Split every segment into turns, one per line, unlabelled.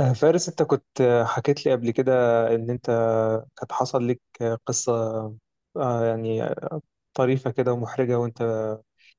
فارس انت كنت حكيت لي قبل كده ان انت كانت حصل لك قصة آه، يعني طريفة كده ومحرجة، وانت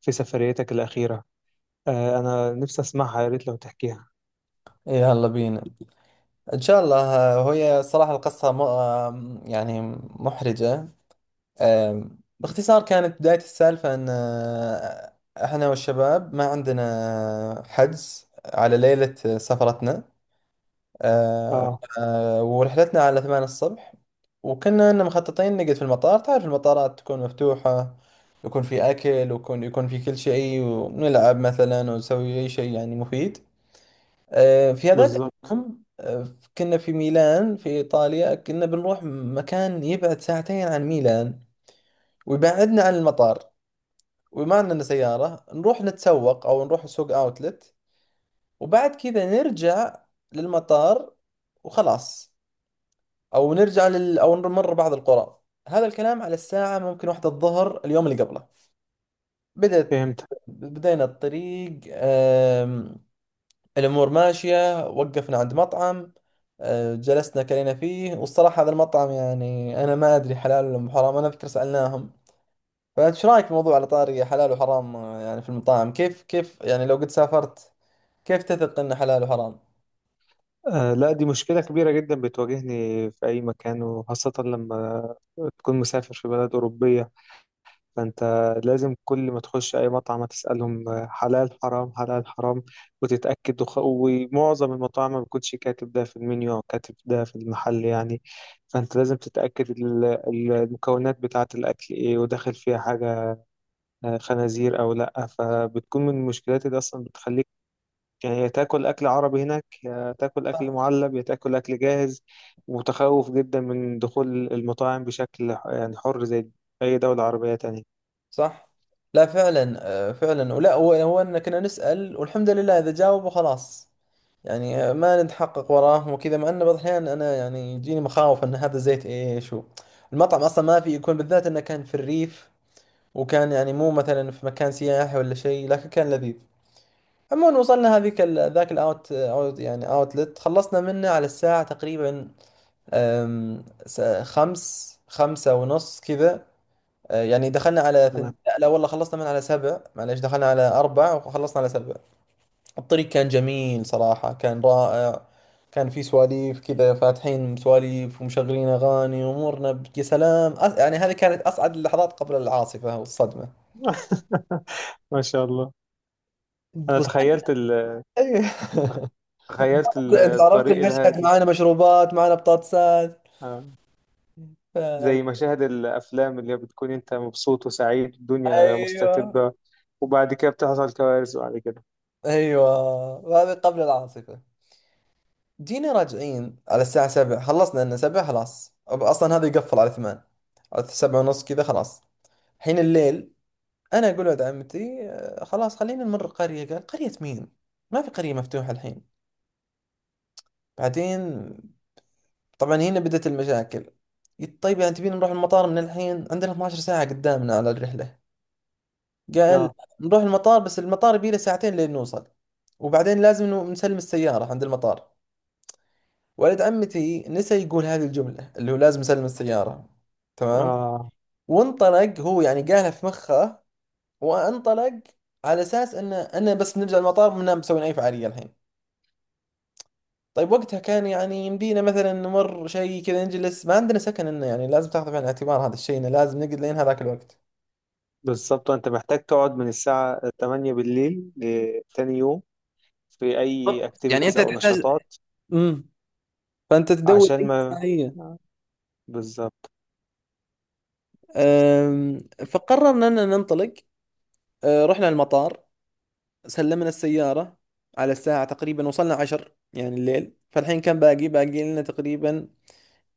في سفريتك الأخيرة انا نفسي اسمعها، يا ريت لو تحكيها.
إيه، يلا بينا. إن شاء الله. وهي صراحة القصة م... آم، يعني محرجة. باختصار، كانت بداية السالفة أن إحنا والشباب ما عندنا حجز على ليلة سفرتنا،
اه،
ورحلتنا على 8 الصبح. وكنا إن مخططين نقعد في المطار. تعرف، المطارات تكون مفتوحة، يكون في أكل، ويكون في كل شيء، ونلعب مثلا ونسوي أي شيء يعني مفيد في هذاك
بالظبط.
اليوم. كنا في ميلان في إيطاليا. كنا بنروح مكان يبعد ساعتين عن ميلان، ويبعدنا عن المطار. وما عندنا سيارة. نروح نتسوق، أو نروح سوق أوتلت، وبعد كذا نرجع للمطار وخلاص. أو نرجع أو نمر بعض القرى. هذا الكلام على الساعة ممكن 1 الظهر، اليوم اللي قبله. بدأت
فهمت.
بدينا الطريق. الأمور ماشية. وقفنا عند مطعم، جلسنا كلينا فيه. والصراحة هذا المطعم، يعني أنا ما أدري حلال ولا حرام، أنا أذكر سألناهم. فايش رايك في موضوع، على طاري حلال وحرام يعني، في المطاعم كيف كيف يعني، لو قد سافرت كيف تثق إنه حلال وحرام؟
لا، دي مشكلة كبيرة جدا بتواجهني في اي مكان، وخاصة لما تكون مسافر في بلد أوروبية. فانت لازم كل ما تخش اي مطعم هتسالهم حلال حرام حلال حرام وتتاكد. ومعظم المطاعم ما بيكونش كاتب ده في المنيو او كاتب ده في المحل يعني. فانت لازم تتاكد المكونات بتاعه الاكل ايه، وداخل فيها حاجه خنازير او لا. فبتكون من المشكلات اللي اصلا بتخليك يعني، يا تاكل اكل عربي هناك، يا تاكل اكل معلب، يا تاكل اكل جاهز. متخوف جدا من دخول المطاعم بشكل يعني حر زي اي دوله عربيه تانية.
صح؟ لا فعلا. فعلا، ولا هو هو إن كنا نسأل، والحمد لله إذا جاوبوا خلاص. يعني ما نتحقق وراهم وكذا، مع إنه بعض الأحيان أنا يعني يجيني مخاوف إن هذا زيت إيش المطعم أصلا ما في يكون، بالذات إنه كان في الريف. وكان يعني مو مثلا في مكان سياحي ولا شيء، لكن كان لذيذ. عموما، وصلنا هذيك ذاك الاوت يعني اوتلت. خلصنا منه على الساعة تقريبا خمسة ونص كذا. يعني دخلنا على لا والله، خلصنا من على 7. معليش، دخلنا على 4 وخلصنا على 7. الطريق كان جميل صراحة، كان رائع. كان في سواليف كذا، فاتحين سواليف ومشغلين أغاني، وأمورنا يا سلام يعني هذه كانت أسعد اللحظات قبل العاصفة والصدمة.
ما شاء الله. انا
ايوه.
تخيلت
انت عرفت
الطريق
المشهد،
الهادي.
معانا مشروبات، معانا بطاطسات.
آه.
ف-
زي مشاهد الافلام اللي بتكون انت مبسوط وسعيد، الدنيا
ايوه.
مستتبة، وبعد كده بتحصل كوارث بعد كده.
ايوه. هذا قبل العاصفه. جينا راجعين على الساعه 7، خلصنا لنا 7 خلاص. اصلا هذا يقفل على 8، على 7 ونص كذا. خلاص. حين الليل، انا اقول ولد عمتي خلاص خلينا نمر قريه. قال: قريه مين؟ ما في قريه مفتوحه الحين. بعدين طبعا هنا بدأت المشاكل. قلت: طيب، يعني تبين نروح المطار من الحين؟ عندنا 12 ساعه قدامنا على الرحله. قال:
اه،
نروح المطار. بس المطار يبي له ساعتين لين نوصل. وبعدين لازم إنه نسلم السيارة عند المطار. ولد عمتي نسى يقول هذه الجملة، اللي هو لازم نسلم السيارة. تمام.
اه،
وانطلق. هو يعني قالها في مخه وانطلق، على اساس ان انا بس نرجع المطار، ما مسويين اي فعالية الحين. طيب وقتها، كان يعني يمدينا مثلا نمر شيء كذا، نجلس. ما عندنا سكن. انه يعني لازم تاخذ في الاعتبار هذا الشيء، انه لازم نقعد لين هذاك الوقت.
بالظبط، انت محتاج تقعد من الساعة 8 بالليل لتاني يوم في اي
بالضبط يعني
اكتيفيتيز
انت
او
تحتاج.
نشاطات
امم فانت تدور
عشان
أي
ما.
فعالية.
آه. بالظبط.
أم، فقررنا أننا ننطلق. رحنا المطار، سلمنا السيارة. على الساعة تقريبا وصلنا عشر يعني الليل. فالحين كان باقي لنا تقريبا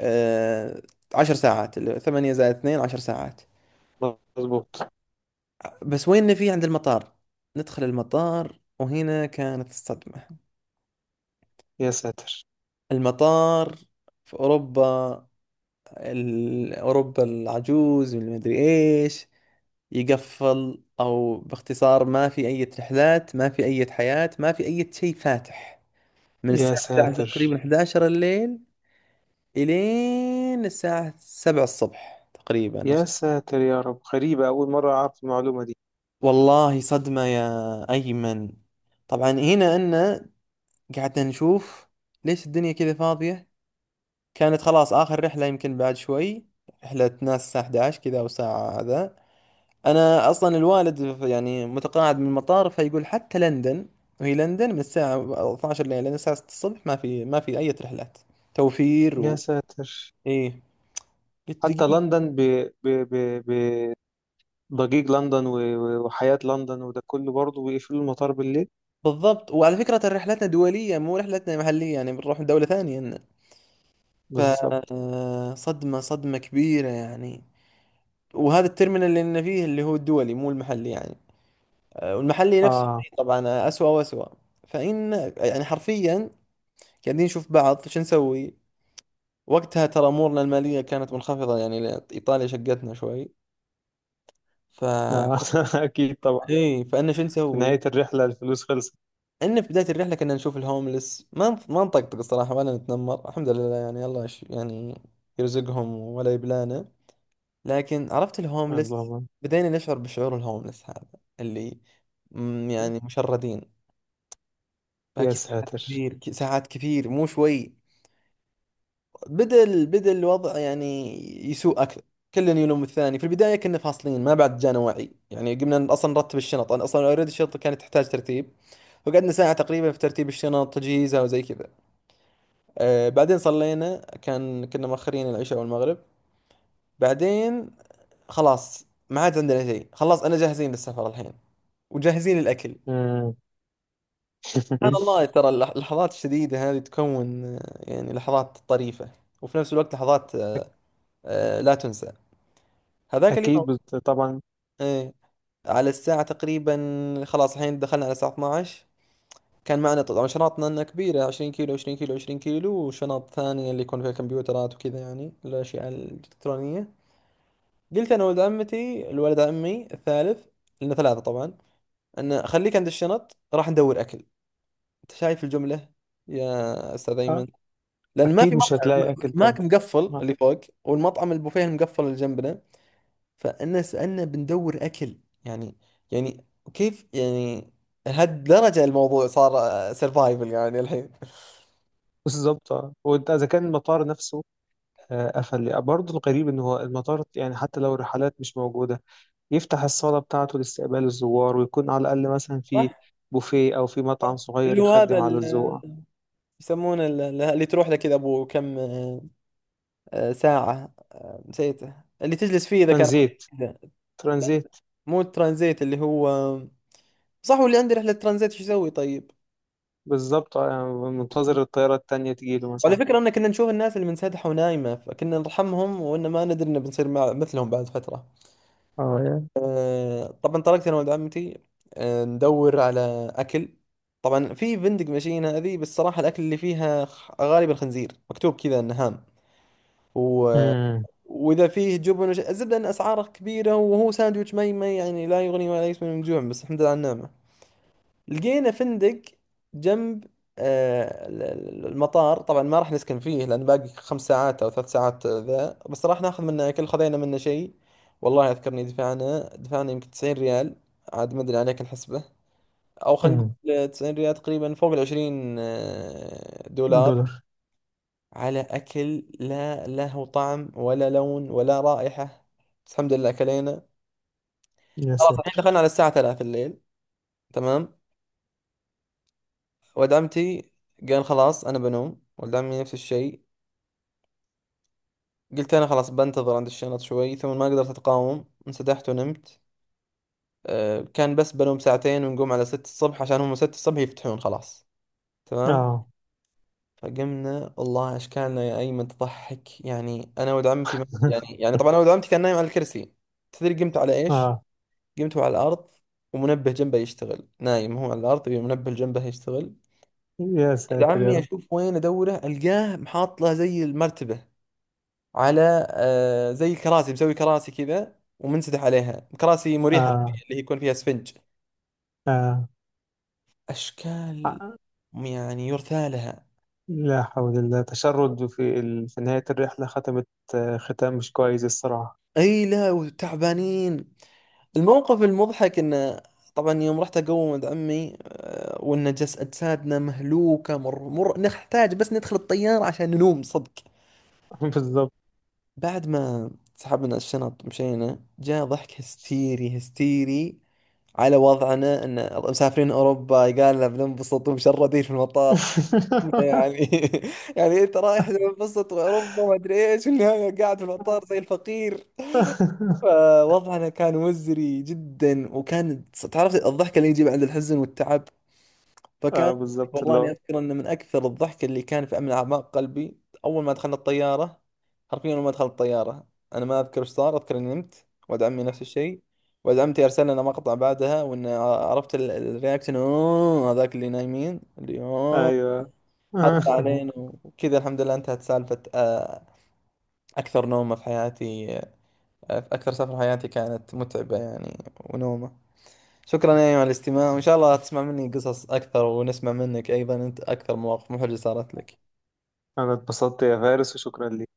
أه، 10 ساعات، اللي هو ثمانية زائد اثنين، 10 ساعات.
مظبوط.
بس وين في عند المطار؟ ندخل المطار، وهنا كانت الصدمة.
يا ساتر.
المطار في أوروبا، أوروبا العجوز والمدري إيش، يقفل. او باختصار ما في اي رحلات، ما في اي حياة، ما في اي شيء فاتح. من
يا
الساعة 11
ساتر.
تقريبا، 11 الليل، الين الساعة 7 الصبح تقريبا
يا ساتر يا رب، غريبة، أول مرة أعرف المعلومة دي.
والله صدمة يا أيمن. طبعا هنا أنا. قعدنا نشوف ليش الدنيا كذا فاضية. كانت خلاص آخر رحلة، يمكن بعد شوي رحلة ناس الساعة 11 كذا، أو ساعة هذا. انا اصلا الوالد يعني متقاعد من المطار، فيقول حتى لندن. وهي لندن من الساعة 12 لين الساعة 6 الصبح ما في اي رحلات توفير
يا
و...
ساتر.
ايه. قلت:
حتى
دقيقة.
لندن، ب... ب... بضجيج لندن وحياة لندن وده كله برضه بيقفلوا المطار بالليل.
بالضبط، وعلى فكرة ترى رحلتنا دولية، مو رحلتنا محلية، يعني بنروح دولة ثانية إن- ف
بالظبط.
صدمة، صدمة كبيرة يعني. وهذا الترمينال اللي لنا فيه، اللي هو الدولي مو المحلي يعني. والمحلي نفس
آه.
الشيء طبعا، أسوأ وأسوأ. فإن يعني حرفيا، قاعدين نشوف بعض شو نسوي. وقتها ترى امورنا الماليه كانت منخفضه، يعني ايطاليا شقتنا شوي. ف
آه. أكيد طبعا.
ايه فانا شو
في
نسوي؟
نهاية الرحلة الفلوس خلصت.
ان في بدايه الرحله كنا نشوف الهوملس، ما نطقطق الصراحه، ولا نتنمر، الحمد لله، يعني الله يعني يرزقهم ولا يبلانا. لكن عرفت الهوملس.
اللهم.
بدينا نشعر بشعور الهوملس هذا، اللي يعني مشردين.
يا
باقي ساعات
ساتر.
كثير، ساعات كثير مو شوي. بدأ الوضع يعني يسوء أكثر. كل يلوم الثاني. في البداية كنا فاصلين، ما بعد جانا وعي. يعني قمنا أصلا نرتب الشنط. أنا أصلا أوريدي الشنطة كانت تحتاج ترتيب. وقعدنا ساعة تقريبا في ترتيب الشنط، تجهيزها وزي كذا. بعدين صلينا. كنا مؤخرين العشاء والمغرب. بعدين خلاص، ما عاد عندنا شيء، خلاص أنا جاهزين للسفر الحين وجاهزين الأكل.
مم.
سبحان الله، ترى اللحظات الشديدة هذه تكون يعني لحظات طريفة. وفي نفس الوقت لحظات لا تنسى. هذاك اليوم.
أكيد طبعا.
ايه. على الساعة تقريبا، خلاص الحين دخلنا على الساعة 12. كان معنا طبعا شنطنا لنا كبيرة، 20 كيلو، 20 كيلو، 20 كيلو، وشنط ثانية اللي يكون فيها كمبيوترات وكذا، يعني الأشياء الإلكترونية. قلت أنا ولد عمتي، الولد عمي الثالث، لنا ثلاثة طبعا، أن خليك عند الشنط راح ندور أكل. أنت شايف الجملة يا أستاذ
آه.
أيمن؟ لأن ما
أكيد
في
مش
مطعم.
هتلاقي أكل طبعا.
ماك مقفل
آه.
اللي فوق، والمطعم البوفيه المقفل اللي جنبنا. فانا سالنا بندور اكل، يعني يعني كيف يعني؟ لهالدرجه الموضوع صار سرفايفل يعني الحين؟
بالظبط. آه. وانت اذا كان المطار نفسه قفل برضه، الغريب ان هو المطار يعني حتى لو الرحلات مش موجوده يفتح الصالة بتاعته لاستقبال الزوار، ويكون على الأقل مثلا
صح.
في بوفيه أو في مطعم
صح.
صغير
اللي هو هذا
يخدم على الذوق.
يسمونه اللي تروح لك كذا، ابو كم ساعة، نسيته، اللي تجلس فيه اذا كان
ترانزيت.
كذا.
ترانزيت.
مو الترانزيت اللي هو. صح، واللي عنده رحلة ترانزيت شو يسوي طيب؟
بالظبط. منتظر الطيارة التانية تجيله
وعلى
مثلا.
فكرة ان كنا نشوف الناس اللي منسدحة ونايمة، فكنا نرحمهم وان ما ندري انه بنصير مع مثلهم بعد فترة.
اه يعني.
طبعا طلقت انا ولد عمتي ندور على اكل. طبعا في فندق ماشيين هذه، بس صراحه الاكل اللي فيها غالبا خنزير، مكتوب كذا انه هام و...
مم.
واذا فيه جبن الزبده، ان اسعاره كبيره وهو ساندويتش ما يعني لا يغني ولا يسمن من جوع، بس الحمد لله على النعمه. لقينا فندق جنب المطار. طبعا ما راح نسكن فيه، لان باقي 5 ساعات او 3 ساعات ذا، بس راح ناخذ منه اكل. خذينا منه شيء. والله اذكرني دفعنا يمكن 90 ريال، عاد ما ادري، عليك نحسبه. او خلينا
مم.
نقول 90 ريال تقريبا، فوق ال 20 دولار،
دولار.
على اكل لا له طعم ولا لون ولا رائحة، بس الحمد لله اكلينا.
يا
خلاص الحين
ساتر.
دخلنا على الساعة 3 الليل. تمام. ولد عمتي قال: خلاص أنا بنوم. ولد عمي نفس الشيء. قلت أنا: خلاص بنتظر عند الشنط شوي. ثم ما قدرت أتقاوم، انسدحت ونمت. كان بس بنوم ساعتين ونقوم على 6 الصبح، عشان هم 6 الصبح يفتحون خلاص. تمام.
اه.
فقمنا والله أشكالنا يا أيمن تضحك يعني. أنا ولد عمتي ما يعني، طبعا، أنا ولد عمتي كان نايم على الكرسي. تدري قمت على إيش؟
اه.
قمت على الأرض، ومنبه جنبه يشتغل. نايم هو على الأرض، والمنبه جنبه يشتغل.
يا
ولد
ساتر يا
عمي
رب.
أشوف وين أدوره، ألقاه محاط له زي المرتبة، على زي كراسي، مسوي كراسي كذا ومنسدح عليها. كراسي مريحة
اه.
شوية، اللي هي يكون فيها اسفنج.
اه.
أشكال
آه.
يعني يرثى لها.
لا حول الله، تشرد في في نهاية الرحلة، ختمت ختام مش كويس الصراحة.
أي لا، وتعبانين. الموقف المضحك إنه، طبعا يوم رحت أقوم عند عمي وإن جس أجسادنا مهلوكة، مر مر نحتاج بس ندخل الطيارة عشان ننوم صدق.
بالظبط.
بعد ما سحبنا الشنط مشينا، جاء ضحك هستيري هستيري على وضعنا، ان مسافرين اوروبا قال لنا بننبسط، ومشردين في المطار. كنا يعني يعني انت رايح تنبسط واوروبا ما ادري ايش، والنهايه قاعد في المطار زي الفقير. فوضعنا كان مزري جدا. وكان، تعرف، الضحك اللي يجي بعد الحزن والتعب،
اه،
فكان
بالظبط
والله
اللي
اني
هو.
اذكر انه من اكثر الضحك اللي كان في، من اعماق قلبي. اول ما دخلنا الطياره، حرفيا اول ما دخلت الطياره، انا ما اذكر ايش صار. اذكر اني نمت، ولد عمي نفس الشيء. ولد عمتي ارسل لنا مقطع بعدها، وان عرفت الرياكشن، اوه هذاك اللي نايمين، اللي اوه،
ايوه.
حط علينا. وكذا الحمد لله انتهت سالفه. اكثر نومه في حياتي. اكثر سفر في حياتي كانت متعبه يعني، ونومه. شكرا يا أيمن على الاستماع، وإن شاء الله تسمع مني قصص أكثر، ونسمع منك أيضا أنت أكثر مواقف محرجة صارت لك.
انا اتبسطت يا فارس، وشكرا ليك.